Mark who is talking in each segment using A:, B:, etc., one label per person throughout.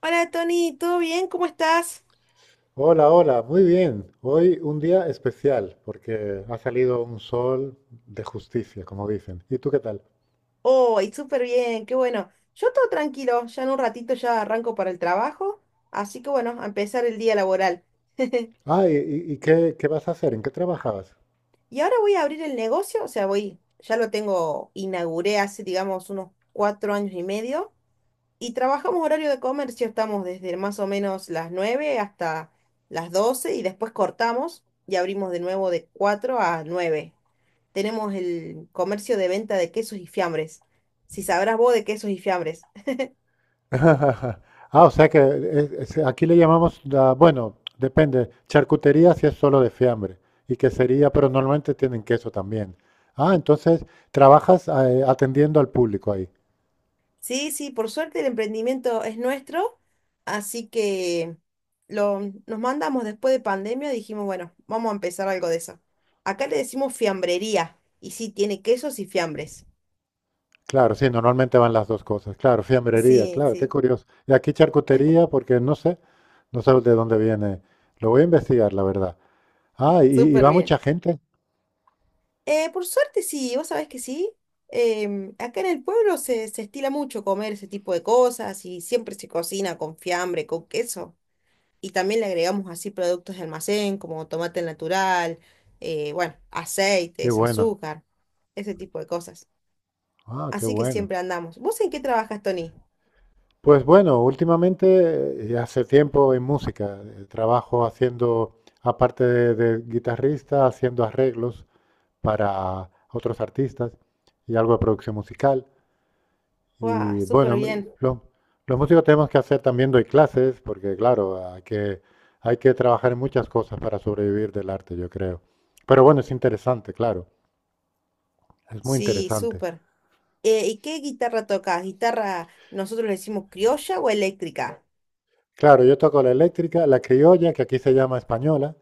A: Hola Tony, ¿todo bien? ¿Cómo estás?
B: Hola, hola, muy bien. Hoy un día especial porque ha salido un sol de justicia, como dicen. ¿Y tú qué tal?
A: Hoy, súper bien, qué bueno. Yo todo tranquilo, ya en un ratito ya arranco para el trabajo, así que bueno, a empezar el día laboral.
B: Ah, ¿y qué vas a hacer? ¿En qué trabajabas?
A: Y ahora voy a abrir el negocio, o sea, voy, ya lo tengo, inauguré hace, digamos, unos 4 años y medio, y trabajamos horario de comercio, estamos desde más o menos las 9 hasta las 12 y después cortamos y abrimos de nuevo de 4 a 9. Tenemos el comercio de venta de quesos y fiambres. Si sabrás vos de quesos y fiambres.
B: Ah, o sea que aquí le llamamos, bueno, depende, charcutería si es solo de fiambre y quesería, pero normalmente tienen queso también. Ah, entonces trabajas atendiendo al público ahí.
A: Sí, sí, por suerte el emprendimiento es nuestro, así que lo, nos mandamos después de pandemia, dijimos, bueno, vamos a empezar algo de eso. Acá le decimos fiambrería, y sí, tiene quesos y fiambres.
B: Claro, sí, normalmente van las dos cosas. Claro, fiambrería,
A: Sí,
B: claro, qué
A: sí,
B: curioso. Y aquí charcutería, porque no sé de dónde viene. Lo voy a investigar, la verdad. Ah, y
A: súper
B: va
A: bien.
B: mucha gente.
A: Por suerte sí, vos sabés que sí. Acá en el pueblo se estila mucho comer ese tipo de cosas y siempre se cocina con fiambre, con queso. Y también le agregamos así productos de almacén como tomate natural, bueno,
B: Qué
A: aceites,
B: bueno.
A: azúcar, ese tipo de cosas.
B: Ah, qué
A: Así que
B: bueno.
A: siempre andamos. ¿Vos en qué trabajas, Tony?
B: Pues bueno, últimamente, hace tiempo en música, trabajo haciendo, aparte de guitarrista, haciendo arreglos para otros artistas y algo de producción musical.
A: ¡Guau!
B: Y
A: Súper
B: bueno,
A: bien.
B: lo- los músicos tenemos que hacer también doy clases, porque claro, hay que trabajar en muchas cosas para sobrevivir del arte, yo creo. Pero bueno, es interesante, claro, es muy
A: Sí,
B: interesante.
A: súper. ¿Y qué guitarra tocas? ¿Guitarra, nosotros le decimos criolla o eléctrica?
B: Claro, yo toco la eléctrica, la criolla, que aquí se llama española,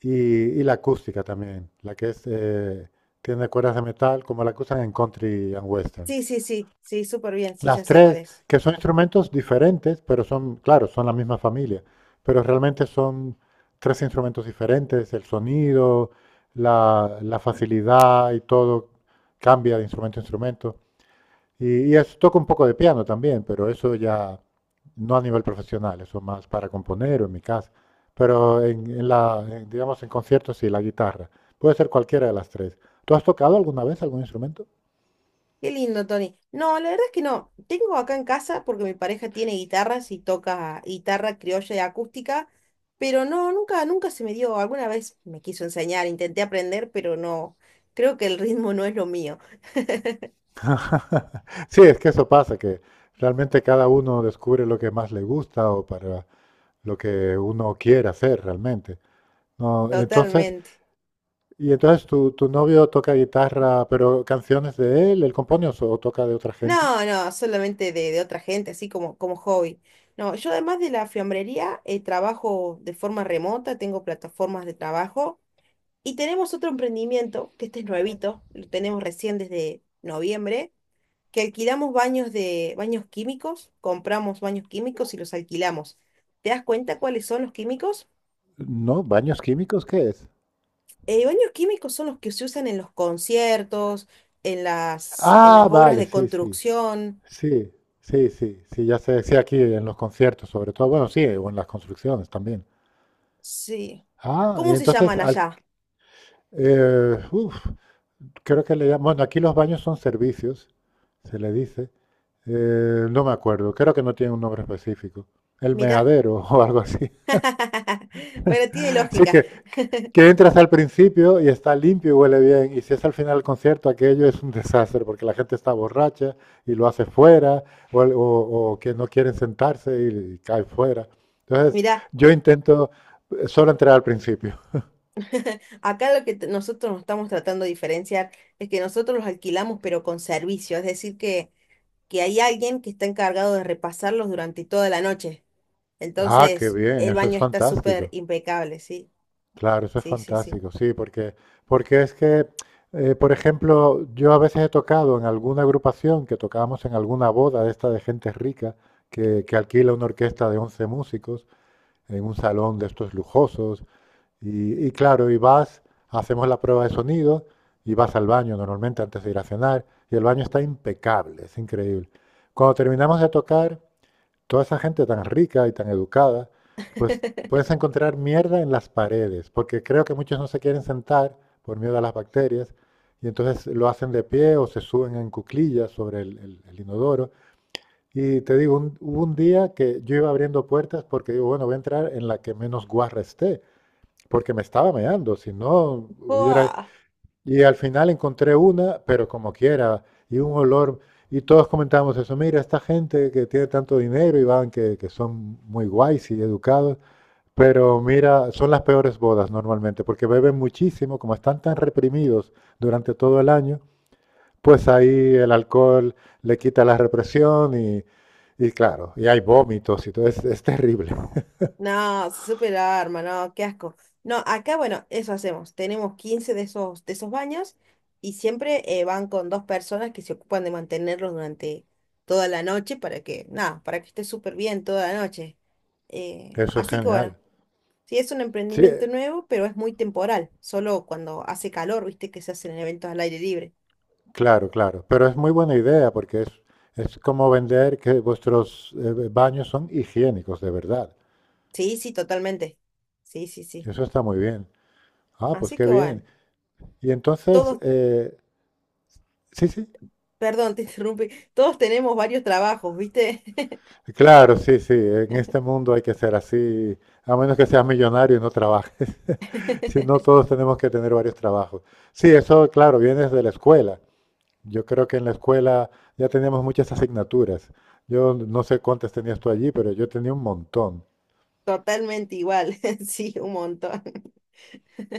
B: y, y la acústica también, la que es, tiene cuerdas de metal, como la que usan en country and western.
A: Sí, sí, sí, sí, súper bien, sí, ya
B: Las
A: sé cuál
B: tres,
A: es.
B: que son instrumentos diferentes, pero son, claro, son la misma familia, pero realmente son tres instrumentos diferentes, el sonido, la facilidad y todo cambia de instrumento a instrumento. Y toco un poco de piano también, pero eso ya no a nivel profesional, eso más para componer o en mi casa. Pero en, digamos, en conciertos sí, la guitarra. Puede ser cualquiera de las tres. ¿Tú has tocado alguna vez algún instrumento?
A: Qué lindo, Tony. No, la verdad es que no. Tengo acá en casa porque mi pareja tiene guitarras y toca guitarra criolla y acústica, pero no, nunca, nunca se me dio. Alguna vez me quiso enseñar, intenté aprender, pero no. Creo que el ritmo no es lo mío.
B: Ajá. Sí, es que eso pasa, que realmente cada uno descubre lo que más le gusta o para lo que uno quiere hacer realmente. No, entonces,
A: Totalmente.
B: y entonces tu novio toca guitarra, pero canciones de él, él compone o toca de otra gente.
A: No, no, solamente de otra gente, así como hobby. No, yo además de la fiambrería, trabajo de forma remota, tengo plataformas de trabajo y tenemos otro emprendimiento, que este es nuevito, lo tenemos recién desde noviembre que alquilamos baños químicos, compramos baños químicos y los alquilamos. ¿Te das cuenta cuáles son los químicos?
B: No, baños químicos, ¿qué es?
A: Baños químicos son los que se usan en los conciertos, en las, en
B: Ah,
A: las obras
B: vale,
A: de
B: sí, sí,
A: construcción.
B: sí, sí, sí, sí, ya sé, sí, aquí en los conciertos sobre todo, bueno, sí, o en las construcciones también.
A: Sí.
B: Ah, y
A: ¿Cómo se
B: entonces,
A: llaman allá?
B: uf, creo que le llaman, bueno, aquí los baños son servicios, se le dice. No me acuerdo, creo que no tiene un nombre específico. El
A: Mira.
B: meadero o algo así.
A: Bueno, tiene
B: Así
A: lógica.
B: que entras al principio y está limpio y huele bien. Y si es al final del concierto, aquello es un desastre porque la gente está borracha y lo hace fuera o que no quieren sentarse y cae fuera. Entonces,
A: Mira,
B: yo intento solo entrar al principio.
A: acá lo que nosotros nos estamos tratando de diferenciar es que nosotros los alquilamos pero con servicio, es decir que hay alguien que está encargado de repasarlos durante toda la noche.
B: Ah, qué
A: Entonces,
B: bien,
A: el
B: eso es
A: baño está súper
B: fantástico.
A: impecable, sí,
B: Claro, eso es
A: sí, sí, sí.
B: fantástico, sí, porque, porque es que, por ejemplo, yo a veces he tocado en alguna agrupación que tocábamos en alguna boda de esta de gente rica que alquila una orquesta de 11 músicos en un salón de estos lujosos y claro, hacemos la prueba de sonido y vas al baño normalmente antes de ir a cenar y el baño está impecable, es increíble. Cuando terminamos de tocar, toda esa gente tan rica y tan educada, pues puedes encontrar mierda en las paredes, porque creo que muchos no se quieren sentar por miedo a las bacterias, y entonces lo hacen de pie o se suben en cuclillas sobre el inodoro. Y te digo, hubo un día que yo iba abriendo puertas porque digo, bueno, voy a entrar en la que menos guarra esté, porque me estaba meando, si no hubiera...
A: ¡Buah!
B: Y al final encontré una, pero como quiera, y un olor. Y todos comentábamos eso, mira, esta gente que tiene tanto dinero y van, que son muy guays y educados, pero mira, son las peores bodas normalmente, porque beben muchísimo, como están tan reprimidos durante todo el año, pues ahí el alcohol le quita la represión y claro, y hay vómitos y todo, es terrible.
A: No, se súper arma, no, qué asco. No, acá, bueno, eso hacemos. Tenemos 15 de esos baños y siempre van con dos personas que se ocupan de mantenerlos durante toda la noche para que, nada, para que esté súper bien toda la noche.
B: Eso es
A: Así que bueno,
B: genial.
A: sí, es un
B: Sí,
A: emprendimiento nuevo, pero es muy temporal. Solo cuando hace calor, viste, que se hacen eventos al aire libre.
B: claro, claro, pero es muy buena idea porque es como vender que vuestros baños son higiénicos de verdad.
A: Sí, sí, totalmente. Sí, sí, sí.
B: Eso está muy bien. Ah, pues
A: Así
B: qué
A: que
B: bien.
A: bueno,
B: Y entonces,
A: todos,
B: sí, sí,
A: perdón, te interrumpí, todos tenemos varios trabajos, ¿viste?
B: claro, sí, sí, en este mundo hay que ser así, a menos que seas millonario y no trabajes. Si no, todos tenemos que tener varios trabajos. Sí, eso, claro, viene desde la escuela. Yo creo que en la escuela ya teníamos muchas asignaturas. Yo no sé cuántas tenías tú allí, pero yo tenía un montón.
A: Totalmente igual, sí, un montón.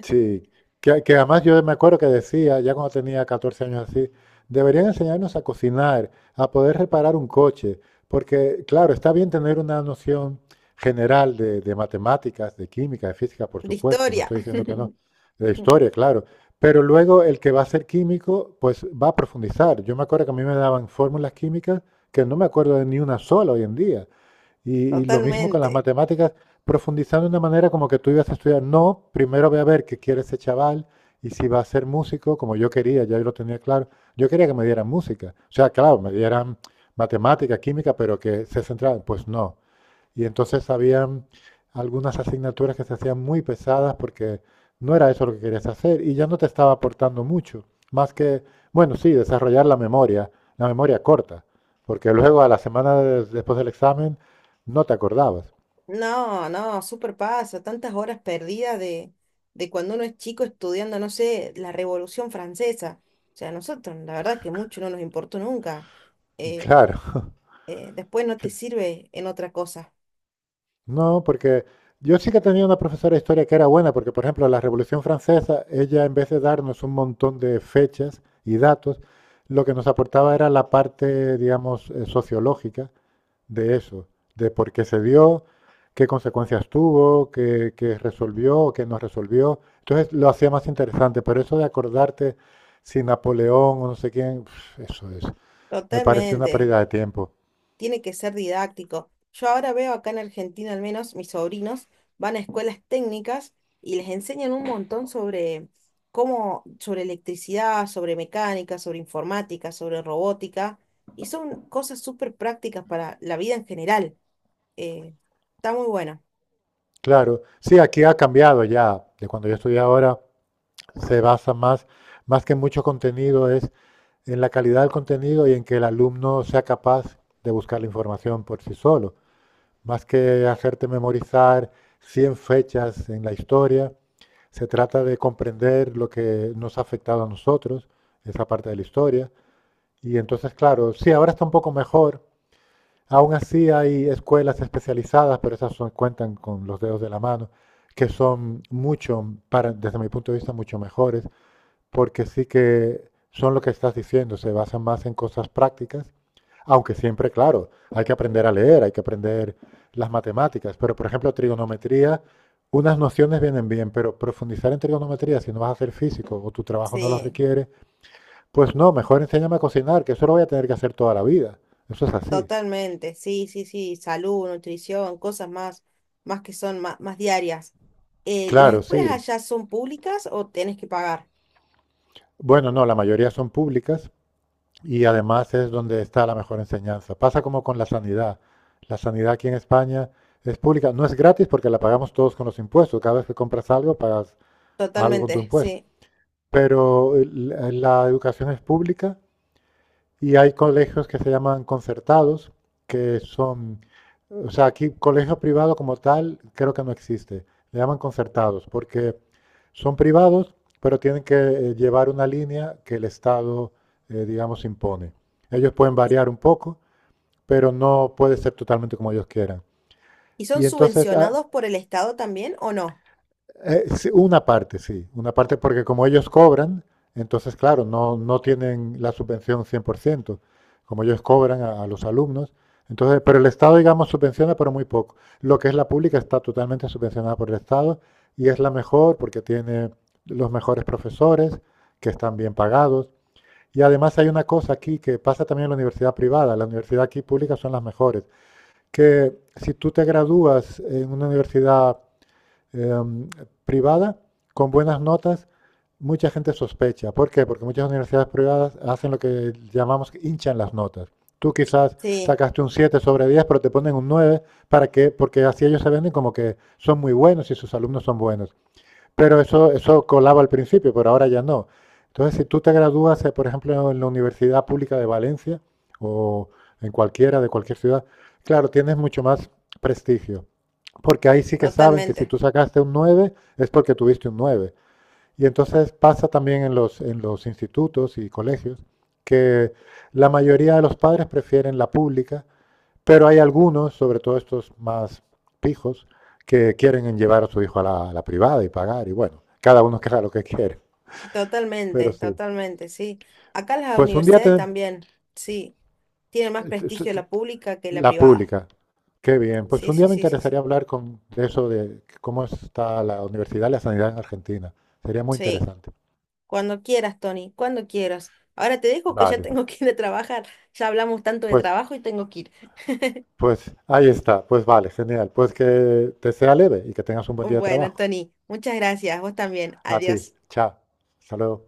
B: Sí, que además yo me acuerdo que decía, ya cuando tenía 14 años así, deberían enseñarnos a cocinar, a poder reparar un coche, porque claro, está bien tener una noción general de matemáticas, de química, de física, por
A: De
B: supuesto, no
A: historia,
B: estoy diciendo que no, de historia, claro, pero luego el que va a ser químico, pues va a profundizar. Yo me acuerdo que a mí me daban fórmulas químicas que no me acuerdo de ni una sola hoy en día. Y, y lo mismo con las
A: totalmente.
B: matemáticas, profundizando de una manera como que tú ibas a estudiar. No, primero voy a ver qué quiere ese chaval y si va a ser músico, como yo quería, ya yo lo tenía claro. Yo quería que me dieran música. O sea, claro, me dieran matemática, química, pero que se centraran. Pues no. Y entonces habían algunas asignaturas que se hacían muy pesadas porque no era eso lo que querías hacer y ya no te estaba aportando mucho, más que, bueno, sí, desarrollar la memoria corta, porque luego a la semana después del examen no te acordabas.
A: No, no, súper pasa, tantas horas perdidas de cuando uno es chico estudiando, no sé, la Revolución Francesa. O sea, a nosotros, la verdad que mucho no nos importó nunca. eh.
B: Claro,
A: Después no te sirve en otra cosa.
B: no, porque yo sí que tenía una profesora de historia que era buena, porque por ejemplo la Revolución Francesa, ella en vez de darnos un montón de fechas y datos, lo que nos aportaba era la parte, digamos, sociológica de eso, de por qué se dio, qué consecuencias tuvo, qué resolvió qué no resolvió. Entonces lo hacía más interesante, pero eso de acordarte si Napoleón o no sé quién, eso es, me pareció una
A: Totalmente,
B: pérdida de tiempo.
A: tiene que ser didáctico. Yo ahora veo acá en Argentina al menos, mis sobrinos van a escuelas técnicas y les enseñan un montón sobre cómo, sobre electricidad, sobre mecánica, sobre informática, sobre robótica, y son cosas súper prácticas para la vida en general. Eh, Está muy bueno.
B: Claro, sí, aquí ha cambiado ya, de cuando yo estudié ahora, se basa más, más que en mucho contenido, es en la calidad del contenido y en que el alumno sea capaz de buscar la información por sí solo, más que hacerte memorizar 100 fechas en la historia. Se trata de comprender lo que nos ha afectado a nosotros, esa parte de la historia. Y entonces, claro, sí, ahora está un poco mejor. Aún así hay escuelas especializadas, pero esas cuentan con los dedos de la mano, que son mucho, para, desde mi punto de vista, mucho mejores porque sí que son lo que estás diciendo, se basan más en cosas prácticas, aunque siempre, claro, hay que aprender a leer, hay que aprender las matemáticas, pero por ejemplo, trigonometría, unas nociones vienen bien, pero profundizar en trigonometría, si no vas a ser físico o tu trabajo no lo
A: Sí.
B: requiere, pues no, mejor enséñame a cocinar, que eso lo voy a tener que hacer toda la vida. Eso es así.
A: Totalmente, sí, sí, sí, salud, nutrición, cosas más que son más diarias. ¿Las
B: Claro,
A: escuelas
B: sí.
A: allá son públicas o tenés que pagar?
B: Bueno, no, la mayoría son públicas, y además es donde está la mejor enseñanza. Pasa como con la sanidad. La sanidad aquí en España es pública, no es gratis porque la pagamos todos con los impuestos. Cada vez que compras algo, pagas algo con tu
A: Totalmente,
B: impuesto.
A: sí.
B: Pero la educación es pública y hay colegios que se llaman concertados, que son, o sea, aquí colegio privado como tal creo que no existe. Le llaman concertados porque son privados, pero tienen que llevar una línea que el Estado, digamos, impone. Ellos pueden
A: ¿Y,
B: variar un poco, pero no puede ser totalmente como ellos quieran.
A: y son
B: Y entonces
A: subvencionados por el Estado también o no?
B: Sí. Una parte porque como ellos cobran, entonces, claro, no tienen la subvención 100% como ellos cobran a los alumnos. Entonces, pero el Estado, digamos, subvenciona, pero muy poco. Lo que es la pública está totalmente subvencionada por el Estado y es la mejor porque tiene los mejores profesores que están bien pagados. Y además hay una cosa aquí que pasa también en la universidad privada. La universidad aquí pública son las mejores. Que si tú te gradúas en una universidad eh, privada con buenas notas, mucha gente sospecha. ¿Por qué? Porque muchas universidades privadas hacen lo que llamamos hinchan las notas. Tú quizás
A: Sí,
B: sacaste un 7 sobre 10 pero te ponen un 9 para que, porque así ellos se venden como que son muy buenos y sus alumnos son buenos. Pero eso colaba al principio, pero ahora ya no. Entonces, si tú te gradúas, por ejemplo, en la Universidad Pública de Valencia o en cualquiera de cualquier ciudad, claro, tienes mucho más prestigio. Porque ahí sí que saben que si
A: totalmente,
B: tú sacaste un 9 es porque tuviste un nueve. Y entonces pasa también en los, institutos y colegios que la mayoría de los padres prefieren la pública, pero hay algunos, sobre todo estos más pijos, que quieren llevar a su hijo a la privada y pagar. Y bueno, cada uno queda lo que quiere. Pero
A: totalmente,
B: sí.
A: totalmente, sí. Acá las
B: Pues un día
A: universidades
B: te,
A: también, sí, tienen más prestigio la pública que la
B: La
A: privada.
B: pública. Qué bien. Pues
A: Sí,
B: un
A: sí,
B: día me
A: sí, sí,
B: interesaría
A: sí.
B: hablar con, de eso, de cómo está la universidad y la sanidad en Argentina. Sería muy
A: Sí.
B: interesante.
A: Cuando quieras, Tony, cuando quieras. Ahora te dejo que ya
B: Vale.
A: tengo que ir a trabajar. Ya hablamos tanto de
B: Pues,
A: trabajo y tengo que ir.
B: pues ahí está. Pues vale, genial. Pues que te sea leve y que tengas un buen día de
A: Bueno,
B: trabajo.
A: Tony, muchas gracias. Vos también.
B: A ti.
A: Adiós.
B: Chao. Hasta luego.